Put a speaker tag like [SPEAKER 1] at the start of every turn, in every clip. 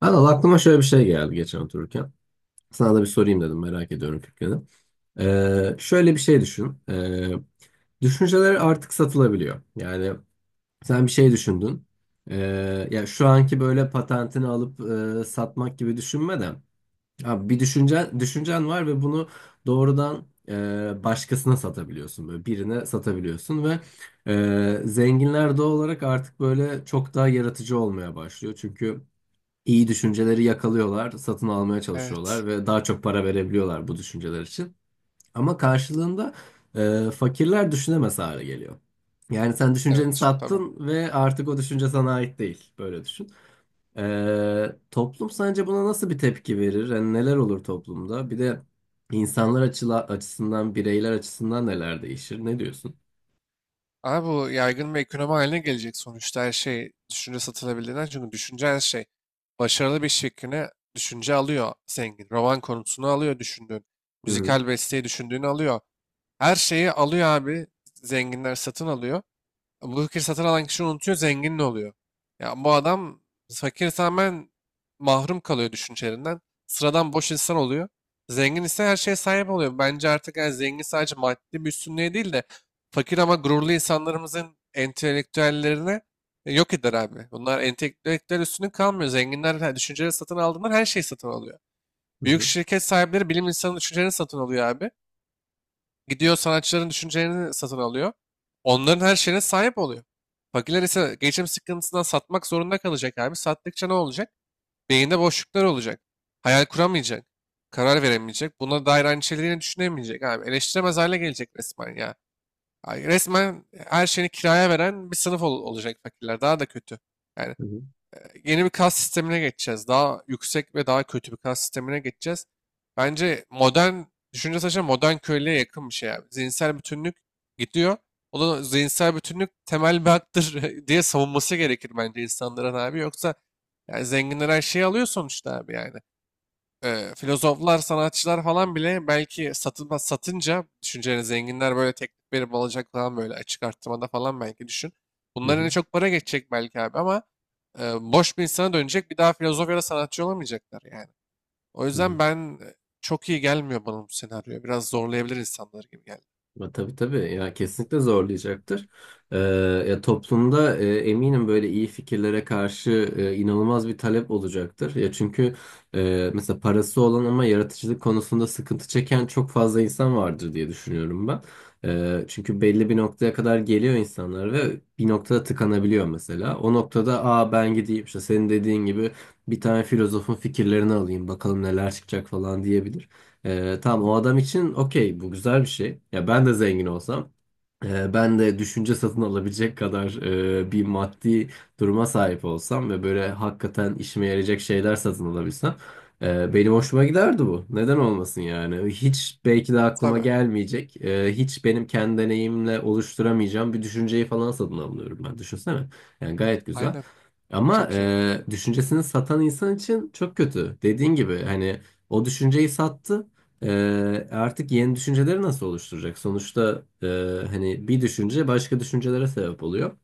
[SPEAKER 1] Anıl, aklıma şöyle bir şey geldi geçen otururken. Sana da bir sorayım dedim, merak ediyorum fikrini. Şöyle bir şey düşün. Düşünceler artık satılabiliyor. Yani sen bir şey düşündün. Ya şu anki böyle patentini alıp satmak gibi düşünme de. Abi bir düşüncen var ve bunu doğrudan başkasına satabiliyorsun. Böyle birine satabiliyorsun ve zenginler doğal olarak artık böyle çok daha yaratıcı olmaya başlıyor. Çünkü iyi düşünceleri yakalıyorlar, satın almaya çalışıyorlar
[SPEAKER 2] Evet.
[SPEAKER 1] ve daha çok para verebiliyorlar bu düşünceler için. Ama karşılığında fakirler düşünemez hale geliyor. Yani sen
[SPEAKER 2] Evet.
[SPEAKER 1] düşünceni sattın ve artık o düşünce sana ait değil. Böyle düşün. Toplum sence buna nasıl bir tepki verir? Yani neler olur toplumda? Bir de insanlar açısından, bireyler açısından neler değişir? Ne diyorsun?
[SPEAKER 2] Ama bu yaygın bir ekonomi haline gelecek sonuçta her şey düşünce satılabildiğinden. Çünkü düşünce her şey. Başarılı bir iş fikrini düşünce alıyor zengin. Roman konusunu alıyor düşündüğün.
[SPEAKER 1] Hı hı,
[SPEAKER 2] Müzikal besteyi düşündüğünü alıyor. Her şeyi alıyor abi. Zenginler satın alıyor. Bu fikri satın alan kişi unutuyor, zengin de oluyor. Ya bu adam fakir tamamen mahrum kalıyor düşüncelerinden. Sıradan boş insan oluyor. Zengin ise her şeye sahip oluyor. Bence artık yani zengin sadece maddi bir üstünlüğe değil de fakir ama gururlu insanlarımızın entelektüellerini yok eder abi. Bunlar entelektüel üstünlük kalmıyor. Zenginler düşünceleri satın aldığından her şeyi satın alıyor.
[SPEAKER 1] hı
[SPEAKER 2] Büyük
[SPEAKER 1] hı,
[SPEAKER 2] şirket sahipleri bilim insanı düşüncelerini satın alıyor abi. Gidiyor sanatçıların düşüncelerini satın alıyor. Onların her şeyine sahip oluyor. Fakirler ise geçim sıkıntısından satmak zorunda kalacak abi. Sattıkça ne olacak? Beyinde boşluklar olacak. Hayal kuramayacak. Karar veremeyecek. Buna dair aynı şeyleri yine düşünemeyecek abi. Eleştiremez hale gelecek resmen ya. Ay, resmen her şeyini kiraya veren bir sınıf olacak fakirler. Daha da kötü. Yani
[SPEAKER 1] hı hı,
[SPEAKER 2] yeni bir kas sistemine geçeceğiz. Daha yüksek ve daha kötü bir kas sistemine geçeceğiz. Bence modern düşünce saçma modern köylüye yakın bir şey abi. Zihinsel bütünlük gidiyor. O da zihinsel bütünlük temel bir haktır diye savunması gerekir bence insanların abi. Yoksa yani zenginler her şeyi alıyor sonuçta abi yani filozoflar, sanatçılar falan bile belki satılmaz satınca düşüncelerini zenginler böyle teklif verip alacak falan böyle açık arttırmada falan belki düşün.
[SPEAKER 1] hı
[SPEAKER 2] Bunların en
[SPEAKER 1] hı.
[SPEAKER 2] çok para geçecek belki abi ama e, boş bir insana dönecek bir daha filozof ya da sanatçı olamayacaklar yani. O
[SPEAKER 1] Hı hı.
[SPEAKER 2] yüzden ben çok iyi gelmiyor bana bu senaryo. Biraz zorlayabilir insanları gibi geldi.
[SPEAKER 1] Ama tabii, tabii ya, kesinlikle zorlayacaktır. Ee, Ya toplumda eminim böyle iyi fikirlere karşı inanılmaz bir talep olacaktır. Ya çünkü mesela parası olan ama yaratıcılık konusunda sıkıntı çeken çok fazla insan vardır diye düşünüyorum ben. Çünkü belli bir noktaya kadar geliyor insanlar ve bir noktada tıkanabiliyor mesela. O noktada, aa, ben gideyim işte senin dediğin gibi bir tane filozofun fikirlerini alayım, bakalım neler çıkacak falan diyebilir. Tamam, o adam için okey, bu güzel bir şey. Ya ben de zengin olsam, ben de düşünce satın alabilecek kadar bir maddi duruma sahip olsam ve böyle hakikaten işime yarayacak şeyler satın alabilsem, benim hoşuma giderdi bu. Neden olmasın yani? Hiç belki de aklıma
[SPEAKER 2] Tabii.
[SPEAKER 1] gelmeyecek, hiç benim kendi deneyimle oluşturamayacağım bir düşünceyi falan satın alıyorum ben. Düşünsene. Yani gayet güzel.
[SPEAKER 2] Aynen.
[SPEAKER 1] Ama
[SPEAKER 2] Çok iyi.
[SPEAKER 1] düşüncesini satan insan için çok kötü. Dediğin gibi hani o düşünceyi sattı. Artık yeni düşünceleri nasıl oluşturacak? Sonuçta hani bir düşünce başka düşüncelere sebep oluyor.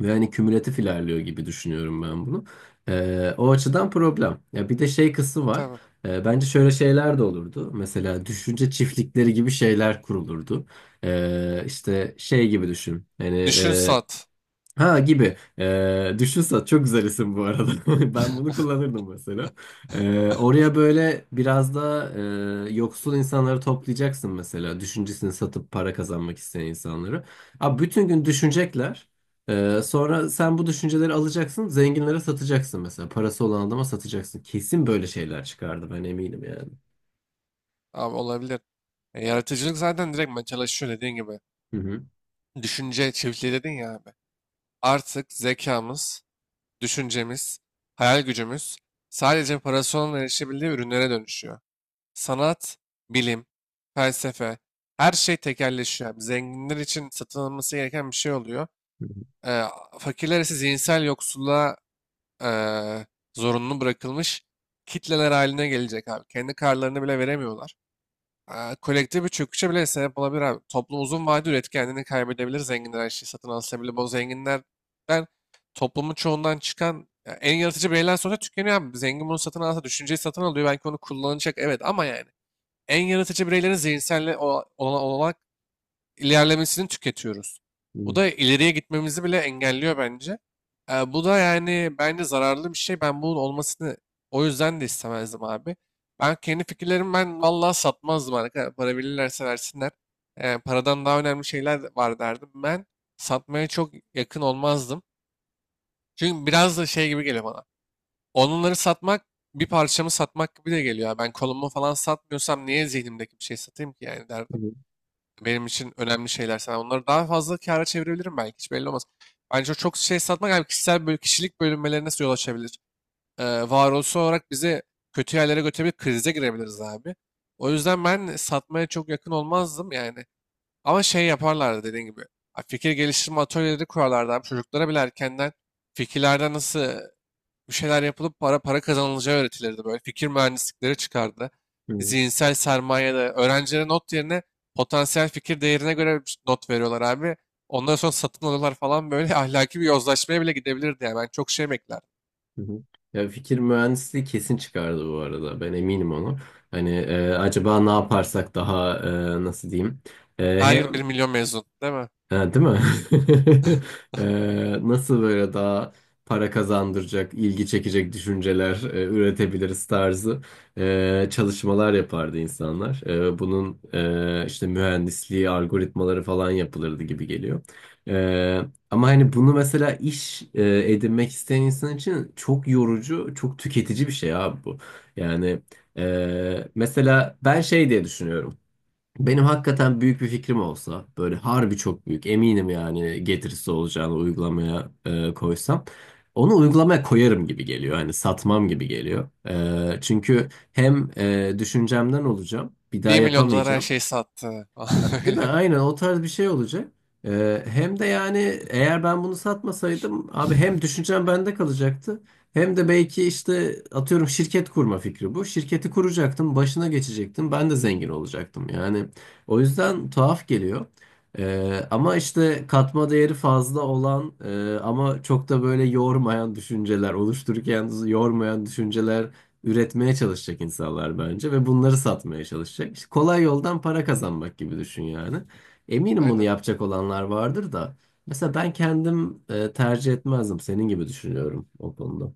[SPEAKER 1] Ve hani kümülatif ilerliyor gibi düşünüyorum ben bunu. O açıdan problem. Ya bir de şey kısmı var.
[SPEAKER 2] Tabii.
[SPEAKER 1] Bence şöyle şeyler de olurdu. Mesela düşünce çiftlikleri gibi şeyler kurulurdu. İşte şey gibi düşün. Hani
[SPEAKER 2] Düşün sat.
[SPEAKER 1] ha gibi. Düşün, çok güzel isim bu arada. Ben bunu kullanırdım mesela. Oraya böyle biraz da yoksul insanları toplayacaksın mesela. Düşüncesini satıp para kazanmak isteyen insanları. Abi bütün gün düşünecekler. Sonra sen bu düşünceleri alacaksın, zenginlere satacaksın mesela. Parası olan adama satacaksın. Kesin böyle şeyler çıkardı, ben eminim yani.
[SPEAKER 2] Abi olabilir. Yaratıcılık zaten direkt ben çalışıyor dediğin gibi.
[SPEAKER 1] Hı hı.
[SPEAKER 2] Düşünce çiftliği dedin ya abi. Artık zekamız, düşüncemiz, hayal gücümüz sadece parasının erişebildiği ürünlere dönüşüyor. Sanat, bilim, felsefe, her şey tekelleşiyor abi. Zenginler için satın alınması gereken bir şey oluyor.
[SPEAKER 1] Hı hı.
[SPEAKER 2] Eee Fakirler ise zihinsel yoksulluğa eee zorunlu bırakılmış kitleler haline gelecek abi. Kendi karlarını bile veremiyorlar. Kolektif bir çöküşe bile sebep olabilir abi. Toplum uzun vadede üretkenliğini kaybedebilir. Zenginler her şeyi satın alsa bile bu zenginlerden toplumun çoğundan çıkan ya, en yaratıcı bireyler sonra tükeniyor abi. Zengin bunu satın alsa düşünceyi satın alıyor. Belki onu kullanacak evet ama yani en yaratıcı bireylerin zihinsel olan, ilerlemesini tüketiyoruz. Bu da ileriye gitmemizi bile engelliyor bence. Bu da yani bence zararlı bir şey. Ben bunun olmasını o yüzden de istemezdim abi. Ben kendi fikirlerimi ben vallahi satmazdım arkadaşlar. Para verirlerse versinler. Paradan daha önemli şeyler var derdim. Ben satmaya çok yakın olmazdım. Çünkü biraz da şey gibi geliyor bana. Onları satmak bir parçamı satmak gibi de geliyor. Ben kolumu falan satmıyorsam niye zihnimdeki bir şey satayım ki yani
[SPEAKER 1] Hı
[SPEAKER 2] derdim
[SPEAKER 1] hı.
[SPEAKER 2] benim için önemli şeyler. Sen onları daha fazla kâra çevirebilirim belki. Hiç belli olmaz. Bence o çok şey satmak yani kişisel kişilik bölünmelerine yol açabilir. Ee, Varoluşsal olarak bizi kötü yerlere götürebilir. Krize girebiliriz abi. O yüzden ben satmaya çok yakın olmazdım yani. Ama şey yaparlardı dediğin gibi. Ha, fikir geliştirme atölyeleri kurarlardı abi. Çocuklara bile erkenden fikirlerden nasıl bir şeyler yapılıp para para kazanılacağı öğretilirdi böyle. Fikir mühendislikleri çıkardı.
[SPEAKER 1] Hı hı.
[SPEAKER 2] Zihinsel sermaye de öğrencilere not yerine potansiyel fikir değerine göre not veriyorlar abi. Ondan sonra satın alıyorlar falan böyle ahlaki bir yozlaşmaya bile gidebilirdi yani. Ben çok şey beklerdim.
[SPEAKER 1] Hı hı. Ya, fikir mühendisliği kesin çıkardı bu arada. Ben eminim ona. Hani, acaba ne yaparsak daha nasıl diyeyim? E,
[SPEAKER 2] Her yıl bir
[SPEAKER 1] hem
[SPEAKER 2] milyon mezun değil mi?
[SPEAKER 1] ha, değil mi? Nasıl böyle daha para kazandıracak, ilgi çekecek düşünceler üretebiliriz tarzı çalışmalar yapardı insanlar. Bunun işte mühendisliği, algoritmaları falan yapılırdı gibi geliyor. E, Ama hani bunu mesela iş edinmek isteyen insan için çok yorucu, çok tüketici bir şey abi bu. Yani mesela ben şey diye düşünüyorum. Benim hakikaten büyük bir fikrim olsa, böyle harbi çok büyük, eminim yani getirisi olacağını, uygulamaya koysam onu uygulamaya koyarım gibi geliyor. Hani satmam gibi geliyor. Çünkü hem düşüncemden olacağım, bir daha
[SPEAKER 2] 1 milyon dolara her
[SPEAKER 1] yapamayacağım.
[SPEAKER 2] şeyi sattı falan
[SPEAKER 1] Ha, değil mi?
[SPEAKER 2] böyle.
[SPEAKER 1] Aynen, o tarz bir şey olacak. Hem de yani eğer ben bunu satmasaydım abi, hem düşüncem bende kalacaktı, hem de belki, işte atıyorum, şirket kurma fikri bu. Şirketi kuracaktım, başına geçecektim. Ben de zengin olacaktım. Yani o yüzden tuhaf geliyor. Ama işte katma değeri fazla olan, ama çok da böyle yormayan düşünceler, oluştururken yormayan düşünceler üretmeye çalışacak insanlar bence ve bunları satmaya çalışacak. İşte kolay yoldan para kazanmak gibi düşün yani. Eminim bunu
[SPEAKER 2] Aynen.
[SPEAKER 1] yapacak olanlar vardır da. Mesela ben kendim tercih etmezdim. Senin gibi düşünüyorum o konuda.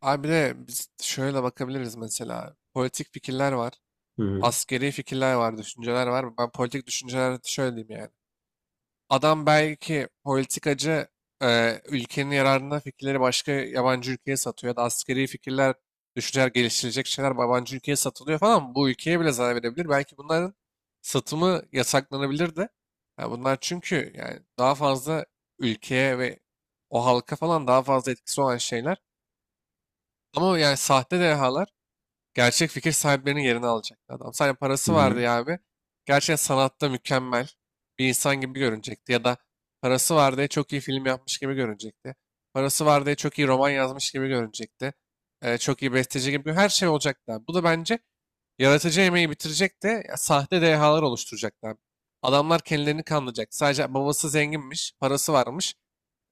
[SPEAKER 2] Abi bir de biz şöyle bakabiliriz mesela. Politik fikirler var.
[SPEAKER 1] Hı hı.
[SPEAKER 2] Askeri fikirler var, düşünceler var. Ben politik düşünceler şöyle diyeyim yani. Adam belki politikacı ülkenin yararına fikirleri başka yabancı ülkeye satıyor ya da askeri fikirler, düşünceler, geliştirecek şeyler yabancı ülkeye satılıyor falan. Bu ülkeye bile zarar verebilir. Belki bunların satımı yasaklanabilir de. Ya bunlar çünkü yani daha fazla ülkeye ve o halka falan daha fazla etkisi olan şeyler. Ama yani sahte dehalar gerçek fikir sahiplerinin yerini alacaktı adam. Sadece
[SPEAKER 1] Hı
[SPEAKER 2] parası vardı
[SPEAKER 1] hı.
[SPEAKER 2] ya abi. Gerçekten sanatta mükemmel bir insan gibi görünecekti. Ya da parası var diye çok iyi film yapmış gibi görünecekti. Parası var diye çok iyi roman yazmış gibi görünecekti. Çok iyi besteci gibi. Her şey olacaktı abi. Bu da bence yaratıcı emeği bitirecekti. Ya, sahte dehalar oluşturacaktı abi. Adamlar kendilerini kandıracak. Sadece babası zenginmiş, parası varmış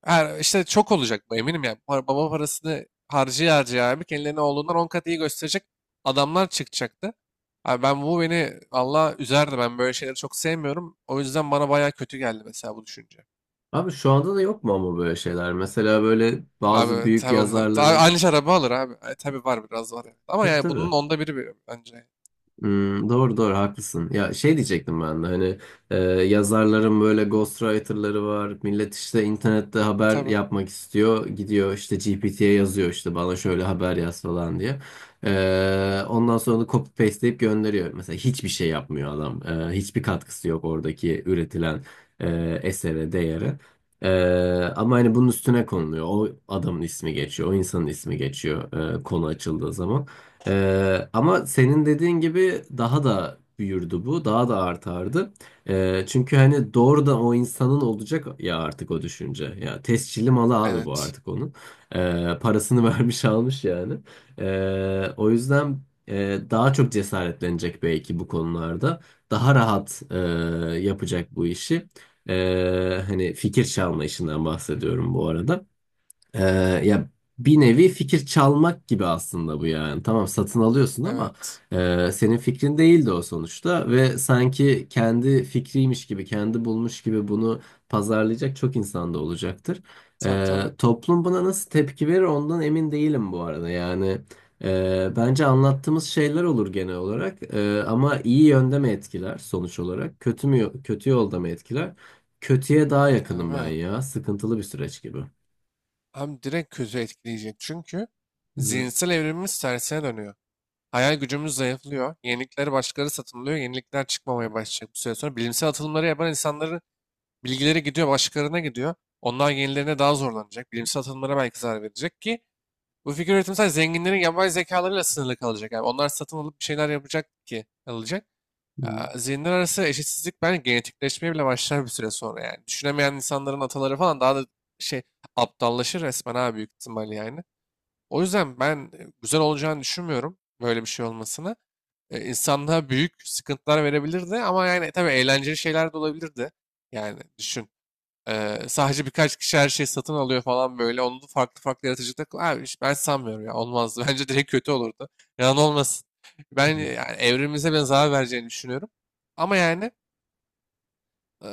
[SPEAKER 2] her işte çok olacak bu eminim ya. Baba parasını harcıya harcıya abi kendilerine oğlundan 10 kat iyi gösterecek adamlar çıkacaktı. Abi ben beni Allah üzerdi. Ben böyle şeyleri çok sevmiyorum. O yüzden bana bayağı kötü geldi mesela bu düşünce.
[SPEAKER 1] Abi şu anda da yok mu ama böyle şeyler? Mesela böyle bazı
[SPEAKER 2] Abi
[SPEAKER 1] büyük
[SPEAKER 2] tabii tabii
[SPEAKER 1] yazarların...
[SPEAKER 2] aynı şey araba alır abi. Tabii var biraz var. Evet. Ama
[SPEAKER 1] Tabii,
[SPEAKER 2] yani bunun
[SPEAKER 1] tabii.
[SPEAKER 2] onda biri bence.
[SPEAKER 1] Hmm, doğru, doğru, haklısın. Ya şey diyecektim ben de, hani e, yazarların böyle ghostwriter'ları var. Millet işte internette haber
[SPEAKER 2] Tabii.
[SPEAKER 1] yapmak istiyor. Gidiyor işte GPT'ye yazıyor, işte bana şöyle haber yaz falan diye. Ondan sonra da copy pasteleyip gönderiyor. Mesela hiçbir şey yapmıyor adam. Hiçbir katkısı yok oradaki üretilen esere, değere. E, Ama hani bunun üstüne konuluyor. O adamın ismi geçiyor. O insanın ismi geçiyor konu açıldığı zaman. Ama senin dediğin gibi daha da büyürdü bu, daha da artardı. Çünkü hani doğrudan o insanın olacak ya artık o düşünce. Ya tescilli malı abi bu,
[SPEAKER 2] Evet.
[SPEAKER 1] artık onun. Parasını vermiş, almış yani. O yüzden daha çok cesaretlenecek belki bu konularda. Daha rahat yapacak bu işi. Hani fikir çalma işinden bahsediyorum bu arada. Ee, Ya bir nevi fikir çalmak gibi aslında bu yani. Tamam, satın alıyorsun ama
[SPEAKER 2] Evet.
[SPEAKER 1] senin fikrin değildi o sonuçta ve sanki kendi fikriymiş gibi, kendi bulmuş gibi bunu pazarlayacak çok insan da olacaktır.
[SPEAKER 2] Tabii tabii.
[SPEAKER 1] Toplum buna nasıl tepki verir ondan emin değilim bu arada. Yani bence anlattığımız şeyler olur genel olarak. Ama iyi yönde mi etkiler sonuç olarak, kötü mü, kötü yolda mı etkiler? Kötüye daha yakınım ben
[SPEAKER 2] Abi,
[SPEAKER 1] ya. Sıkıntılı bir süreç gibi.
[SPEAKER 2] hem direkt kötü etkileyecek. Çünkü
[SPEAKER 1] Hı.
[SPEAKER 2] zihinsel evrimimiz tersine dönüyor. Hayal gücümüz zayıflıyor. Yenilikleri başkaları satın alıyor. Yenilikler çıkmamaya başlayacak bir süre sonra. Bilimsel atılımları yapan insanların bilgileri gidiyor, başkalarına gidiyor. Onlar yenilerine daha zorlanacak. Bilimsel atılımlara belki zarar verecek ki bu fikir üretimi sadece zenginlerin yapay zekalarıyla sınırlı kalacak. Yani onlar satın alıp bir şeyler yapacak ki alacak.
[SPEAKER 1] Hı,
[SPEAKER 2] Aa, zihinler arası eşitsizlik bence genetikleşmeye bile başlar bir süre sonra yani. Düşünemeyen insanların ataları falan daha da şey aptallaşır resmen ha büyük ihtimal yani. O yüzden ben güzel olacağını düşünmüyorum böyle bir şey olmasını insanlığa büyük sıkıntılar verebilirdi ama yani tabii eğlenceli şeyler de olabilirdi. Yani düşün. Sadece birkaç kişi her şeyi satın alıyor falan böyle. Onu da farklı farklı yaratıcılıkla... Abi işte ben sanmıyorum ya olmazdı. Bence direkt kötü olurdu. Yalan olmasın. Ben
[SPEAKER 1] hı.
[SPEAKER 2] yani evrimimize ben zarar vereceğini düşünüyorum. Ama yani e,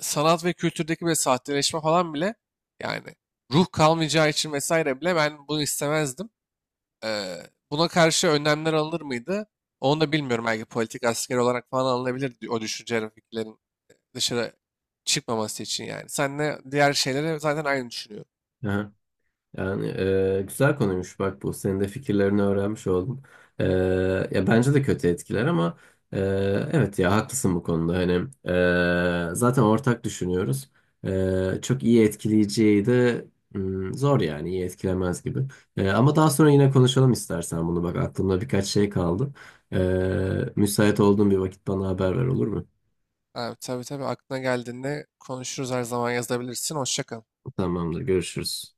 [SPEAKER 2] sanat ve kültürdeki böyle sahteleşme falan bile yani ruh kalmayacağı için vesaire bile ben bunu istemezdim. Buna karşı önlemler alınır mıydı? Onu da bilmiyorum. Belki politik asker olarak falan alınabilir o düşünce fikirlerin dışarı çıkmaması için yani. Senle diğer şeylere zaten aynı düşünüyorum.
[SPEAKER 1] Aha, yani, güzel konuymuş bak bu. Senin de fikirlerini öğrenmiş oldum. E, Ya bence de kötü etkiler ama e, evet, ya haklısın bu konuda. Hani zaten ortak düşünüyoruz. Çok iyi etkileyeceği de hmm, zor, yani iyi etkilemez gibi. Ama daha sonra yine konuşalım istersen bunu. Bak, aklımda birkaç şey kaldı. Müsait olduğun bir vakit bana haber ver, olur mu?
[SPEAKER 2] Abi, tabii tabii aklına geldiğinde konuşuruz her zaman yazabilirsin. Hoşça kal.
[SPEAKER 1] Tamamdır, görüşürüz.